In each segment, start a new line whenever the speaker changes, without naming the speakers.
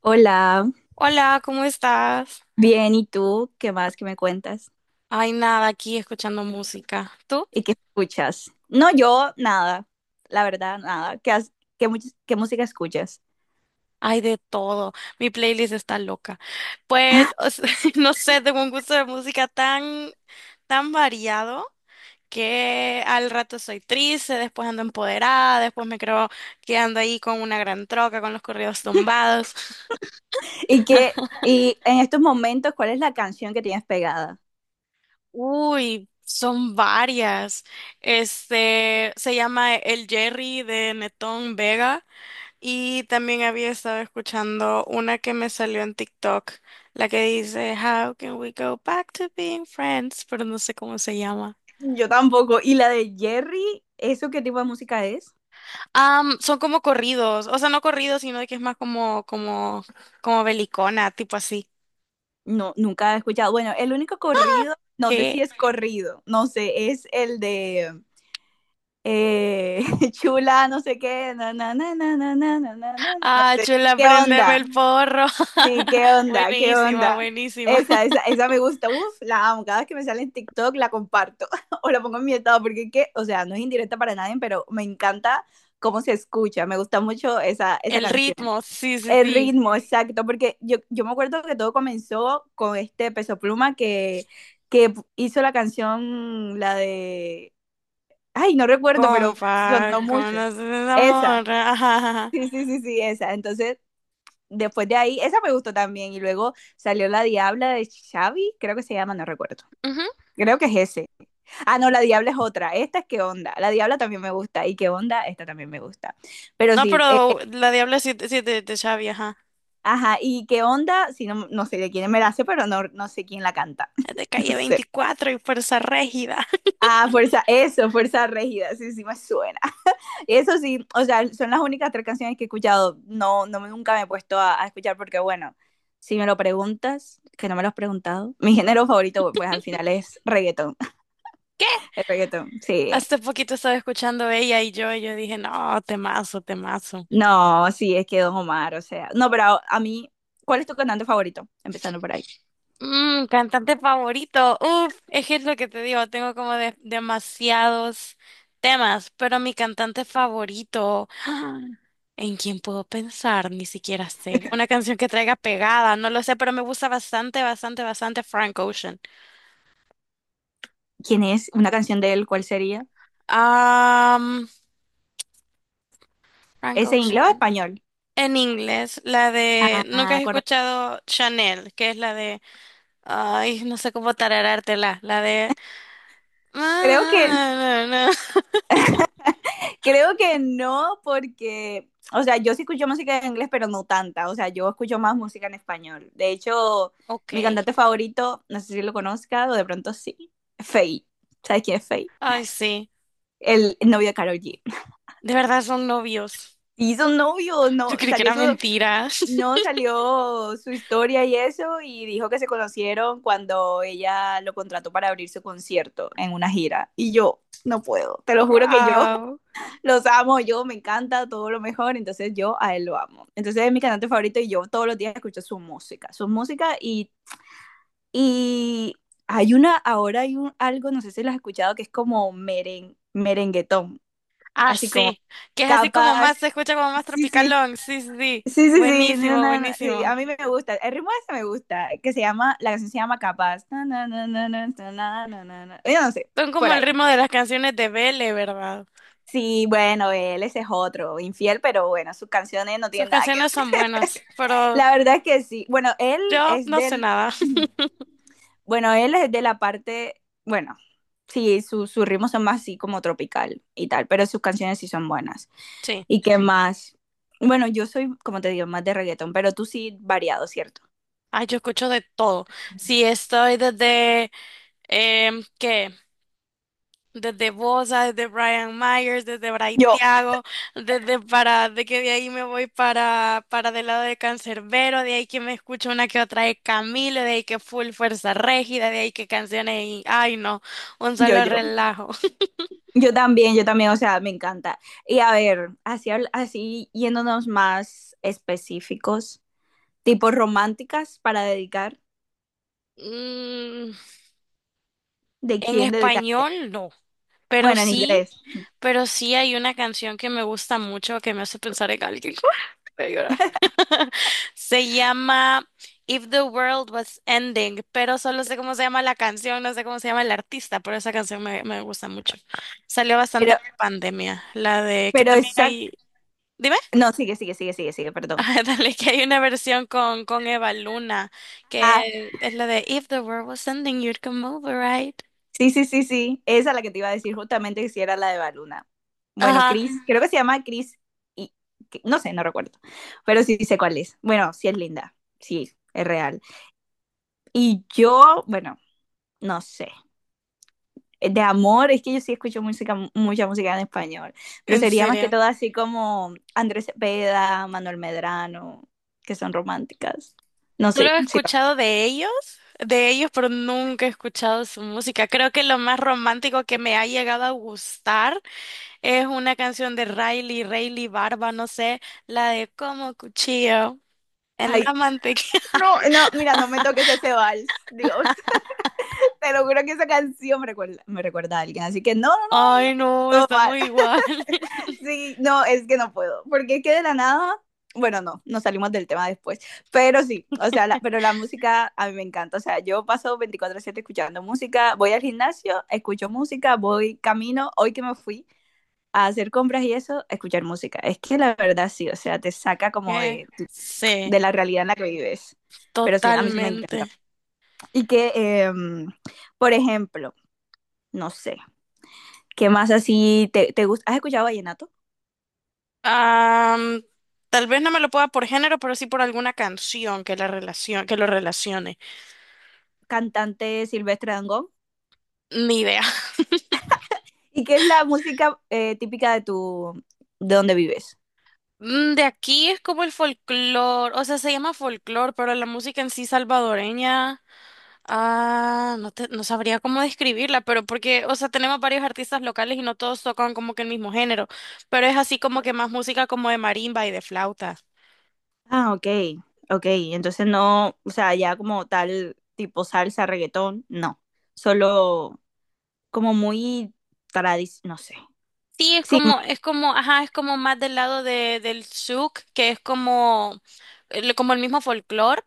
Hola,
Hola, ¿cómo estás?
bien, ¿y tú? ¿Qué más que me cuentas?
Ay, nada, aquí escuchando música. ¿Tú?
¿Y qué escuchas? No, yo nada, la verdad, nada. Qué, mu- qué música escuchas?
Ay, de todo. Mi playlist está loca. Pues, o sea, no sé, tengo un gusto de música tan, tan variado que al rato soy triste, después ando empoderada, después me creo que ando ahí con una gran troca, con los corridos tumbados.
¿Y qué, y en estos momentos, ¿cuál es la canción que tienes pegada?
Uy, son varias. Este, se llama El Jerry de Netón Vega. Y también había estado escuchando una que me salió en TikTok, la que dice How can we go back to being friends, pero no sé cómo se llama.
Yo tampoco. ¿Y la de Jerry? ¿Eso qué tipo de música es?
Son como corridos, o sea, no corridos, sino de que es más como belicona, tipo así.
No, nunca he escuchado. Bueno, el único corrido, no sé
¿Qué?
si es corrido, no sé, es el de eh, Chula, no sé qué, na, na, na, na, na, na, na, na, na, no
Ah,
sé.
chula,
¿Qué
préndeme
onda?
el porro.
Sí, qué onda, qué
Buenísima,
onda.
buenísima.
Esa me gusta. Uf, la amo. Cada vez que me sale en TikTok la comparto o la pongo en mi estado porque es que, o sea, no es indirecta para nadie, pero me encanta cómo se escucha. Me gusta mucho esa
El
canción.
ritmo, sí, sí,
El
sí.
ritmo, exacto, porque yo me acuerdo que todo comenzó con este Peso Pluma que hizo la canción, ay, no recuerdo, pero
Compa,
sonó mucho.
conoces esa
Esa.
morra. Ajá, ajá, ajá.
Sí, sí, sí, sí, esa. Entonces, después de ahí, esa me gustó también. Y luego salió La Diabla de Xavi, creo que se llama, no recuerdo.
Ujú.
Creo que es ese. Ah, no, La Diabla es otra. Esta es Qué Onda. La Diabla también me gusta. Y Qué Onda, esta también me gusta. Pero
No,
sí,
pero la Diabla sí, sí es de Xavi, ajá.
ajá. Y Qué Onda, si no, no sé de quién me la hace, pero no, no sé quién la canta.
De
No
Calle
sé.
veinticuatro y Fuerza Régida.
Ah, Fuerza, eso, Fuerza Régida. Sí, sí, me suena. Eso sí, o sea, son las únicas tres canciones que he escuchado. No, no nunca me he puesto a escuchar porque, bueno, si me lo preguntas, que no me lo has preguntado, mi género favorito, pues al final es reggaetón. El reggaetón, sí.
Hace poquito estaba escuchando ella y yo dije, no, temazo, temazo.
No, sí, es que Don Omar, o sea. No, pero a mí, ¿cuál es tu cantante favorito? Empezando por ahí.
Mm, cantante favorito. Uf, es que es lo que te digo, tengo como demasiados temas, pero mi cantante favorito, ¿en quién puedo pensar? Ni siquiera sé. Una canción que traiga pegada, no lo sé, pero me gusta bastante, bastante, bastante Frank Ocean.
¿Quién es? ¿Una canción de él? ¿Cuál sería?
Am, Frank
¿Es en inglés o
Ocean.
español?
En inglés, la de, ¿nunca has
Ah, correcto.
escuchado Chanel? Que es la de… Ay, no sé cómo tararártela. La de.
Creo que Creo que no, porque, o sea, yo sí escucho música en inglés, pero no tanta. O sea, yo escucho más música en español. De hecho, mi
Ok.
cantante favorito, no sé si lo conozca o de pronto sí, Faye. ¿Sabes quién es Faye?
Ay, sí.
El novio de Karol G.
¿De verdad son novios?
Hizo un novio,
Yo
no,
creí que
salió
era
su,
mentira.
no salió su historia y eso, y dijo que se conocieron cuando ella lo contrató para abrir su concierto en una gira. Y yo no puedo, te lo juro que yo
Wow.
los amo, yo me encanta todo lo mejor, entonces yo a él lo amo. Entonces es mi cantante favorito y yo todos los días escucho su música y hay una, ahora hay algo, no sé si lo has escuchado, que es como merenguetón,
Ah,
así como
sí. Que es así como
capas,
más, se escucha como más
sí, sí,
tropicalón. Sí, sí, sí.
sí, sí, sí, no,
Buenísimo,
no, no, sí, a
buenísimo.
mí me gusta, el ritmo ese me gusta, que se llama, la canción se llama capas, na, na, na, na, na, na, na, na, na, na. Yo no sé,
Son como
por
el
ahí.
ritmo de las canciones de Belle, ¿verdad?
Sí, bueno, él ese es otro, infiel, pero bueno, sus canciones no
Sus
tienen nada que.
canciones son buenas, pero
La verdad que sí. Bueno,
yo
es
no sé
del,
nada.
bueno, él es de la parte, bueno, sí, sus ritmos son más así como tropical y tal, pero sus canciones sí son buenas.
Sí.
¿Y qué más? Bueno, yo soy, como te digo, más de reggaetón, pero tú sí variado, ¿cierto?
Ay, yo escucho de todo. Sí, estoy desde, eh, ¿qué? Desde Bosa, desde Brian Myers, desde Bray
Yo,
Thiago, desde para, de que de ahí me voy para, del lado de Cancerbero, de ahí que me escucho una que otra de Camilo, de ahí que Full Fuerza Régida, de ahí que canciones y, ay no, un
yo,
solo
yo.
relajo.
Yo también, o sea, me encanta. Y a ver, así, así yéndonos más específicos, tipo románticas para dedicar,
Mm,
¿de
en
quién dedicaría?
español, no. Pero
Bueno, en
sí,
inglés.
pero sí hay una canción que me gusta mucho que me hace pensar en alguien. Voy a llorar. Se llama If the World Was Ending, pero solo sé cómo se llama la canción, no sé cómo se llama el artista, pero esa canción me, me gusta mucho. Salió bastante
Pero,
en pandemia, la de que
pero
también hay,
exacto.
dime.
No, sigue, sigue, sigue, sigue, sigue, perdón.
Ah, dale, que hay una versión con Eva Luna,
Ajá.
que es la de If the World Was Ending, you'd come over, right?
Sí, sí, sí, sí. Esa es la que te iba a decir justamente que si era la de Baluna. Bueno,
Ajá,
Chris, creo que se llama Chris y no sé, no recuerdo. Pero sí sé cuál es. Bueno, sí es linda. Sí, es real. Y yo, bueno, no sé. De amor, es que yo sí escucho música, mucha música en español. Pero
¿en
sería más que
serio?
todo así como Andrés Cepeda, Manuel Medrano, que son románticas. No
Solo
sé.
he
Sí.
escuchado de ellos, pero nunca he escuchado su música. Creo que lo más romántico que me ha llegado a gustar es una canción de Riley, Riley Barba, no sé, la de Como cuchillo en la
Ay,
mantequilla.
no, no, mira, no me toques ese vals. Dios. Te lo juro que esa canción me recuerda a alguien, así que no, no, no, ay, no.
Ay, no, estamos igual.
Sí, no, es que no puedo, porque es que de la nada, bueno, no, nos salimos del tema después, pero sí, o sea, pero la música a mí me encanta, o sea, yo paso 24/7 escuchando música, voy al gimnasio, escucho música, voy camino, hoy que me fui a hacer compras y eso, escuchar música. Es que la verdad sí, o sea, te saca como
Eh,
de,
sí,
la realidad en la que vives. Pero sí, a mí sí me encanta.
totalmente.
Y que, por ejemplo, no sé, ¿qué más así te, gusta? ¿Has escuchado Vallenato?
Am, Tal vez no me lo pueda por género, pero sí por alguna canción que la que lo relacione.
Cantante Silvestre Dangond.
Ni idea.
¿Y qué es la música típica de donde vives?
Mm, de aquí es como el folclore, o sea, se llama folclore, pero la música en sí salvadoreña, ah, no sabría cómo describirla, pero porque, o sea, tenemos varios artistas locales y no todos tocan como que el mismo género, pero es así como que más música como de marimba y de flauta.
Ah, ok, ok. Entonces no, o sea, ya como tal tipo salsa, reggaetón, no. Solo como muy tradicional, no sé.
Sí,
Sí,
es como, ajá, es como más del lado de, del souk, que es como, como el mismo folclore,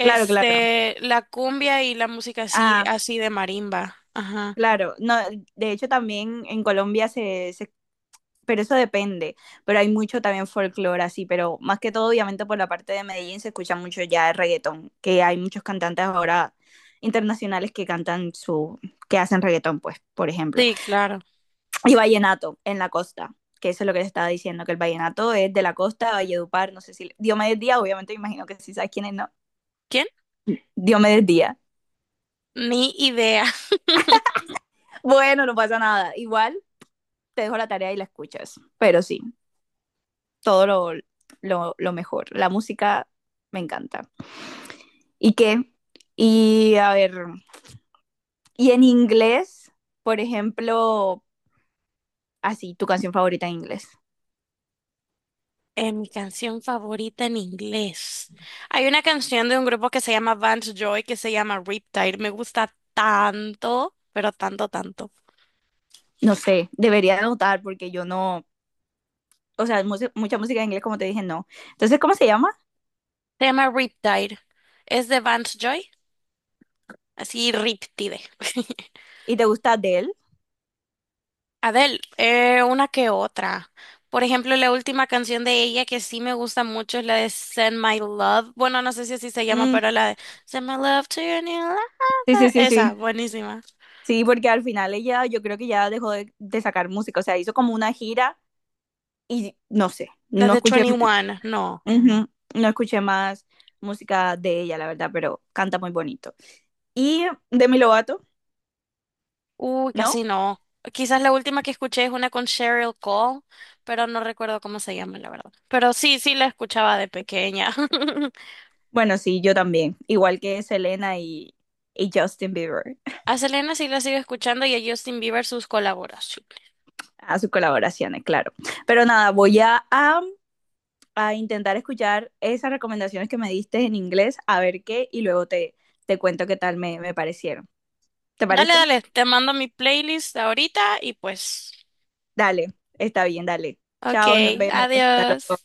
claro, claro.
la cumbia y la música así,
Ah,
así de marimba, ajá.
claro. No, de hecho también en Colombia se, pero eso depende. Pero hay mucho también folclore así, pero más que todo, obviamente, por la parte de Medellín se escucha mucho ya el reggaetón, que hay muchos cantantes ahora internacionales que cantan que hacen reggaetón, pues, por ejemplo.
Sí, claro.
Y vallenato en la costa, que eso es lo que les estaba diciendo, que el vallenato es de la costa, Valledupar, no sé si, Diomedes Díaz, obviamente, me imagino que sí sabes quién es, ¿no?
¿Quién?
Diomedes Díaz.
Ni idea.
Bueno, no pasa nada, igual te dejo la tarea y la escuchas, pero sí, todo lo, mejor. La música me encanta. ¿Y qué? Y a ver, y en inglés, por ejemplo, así, tu canción favorita en inglés.
Mi canción favorita en inglés. Hay una canción de un grupo que se llama Vance Joy que se llama Riptide. Me gusta tanto, pero tanto, tanto.
No sé, debería anotar porque yo no, o sea, mucha música en inglés, como te dije, no. Entonces, ¿cómo se llama?
Se llama Riptide. Es de Vance Joy. Así, Riptide.
¿Y te gusta Adele?
Adele, una que otra. Por ejemplo, la última canción de ella que sí me gusta mucho es la de Send My Love. Bueno, no sé si así se llama,
Mm,
pero la de Send My Love to Your New
sí, sí,
Lover.
sí,
Esa,
sí.
buenísima.
Sí, porque al final ella, yo creo que ya dejó de, sacar música, o sea, hizo como una gira y no sé,
La
no
de
escuché,
21, no.
ujú, no escuché más música de ella, la verdad, pero canta muy bonito. Y Demi Lovato,
Uy,
¿no?
casi no. Quizás la última que escuché es una con Cheryl Cole, pero no recuerdo cómo se llama, la verdad. Pero sí, sí la escuchaba de pequeña.
Bueno, sí, yo también. Igual que Selena y Justin Bieber,
A Selena sí la sigo escuchando y a Justin Bieber sus colaboraciones.
a sus colaboraciones, claro. Pero nada, voy a, intentar escuchar esas recomendaciones que me diste en inglés, a ver qué, y luego te, cuento qué tal me parecieron. ¿Te
Dale,
parece?
dale, te mando mi playlist ahorita y pues.
Dale, está bien, dale.
Ok,
Chao, nos vemos. Hasta
adiós.
luego.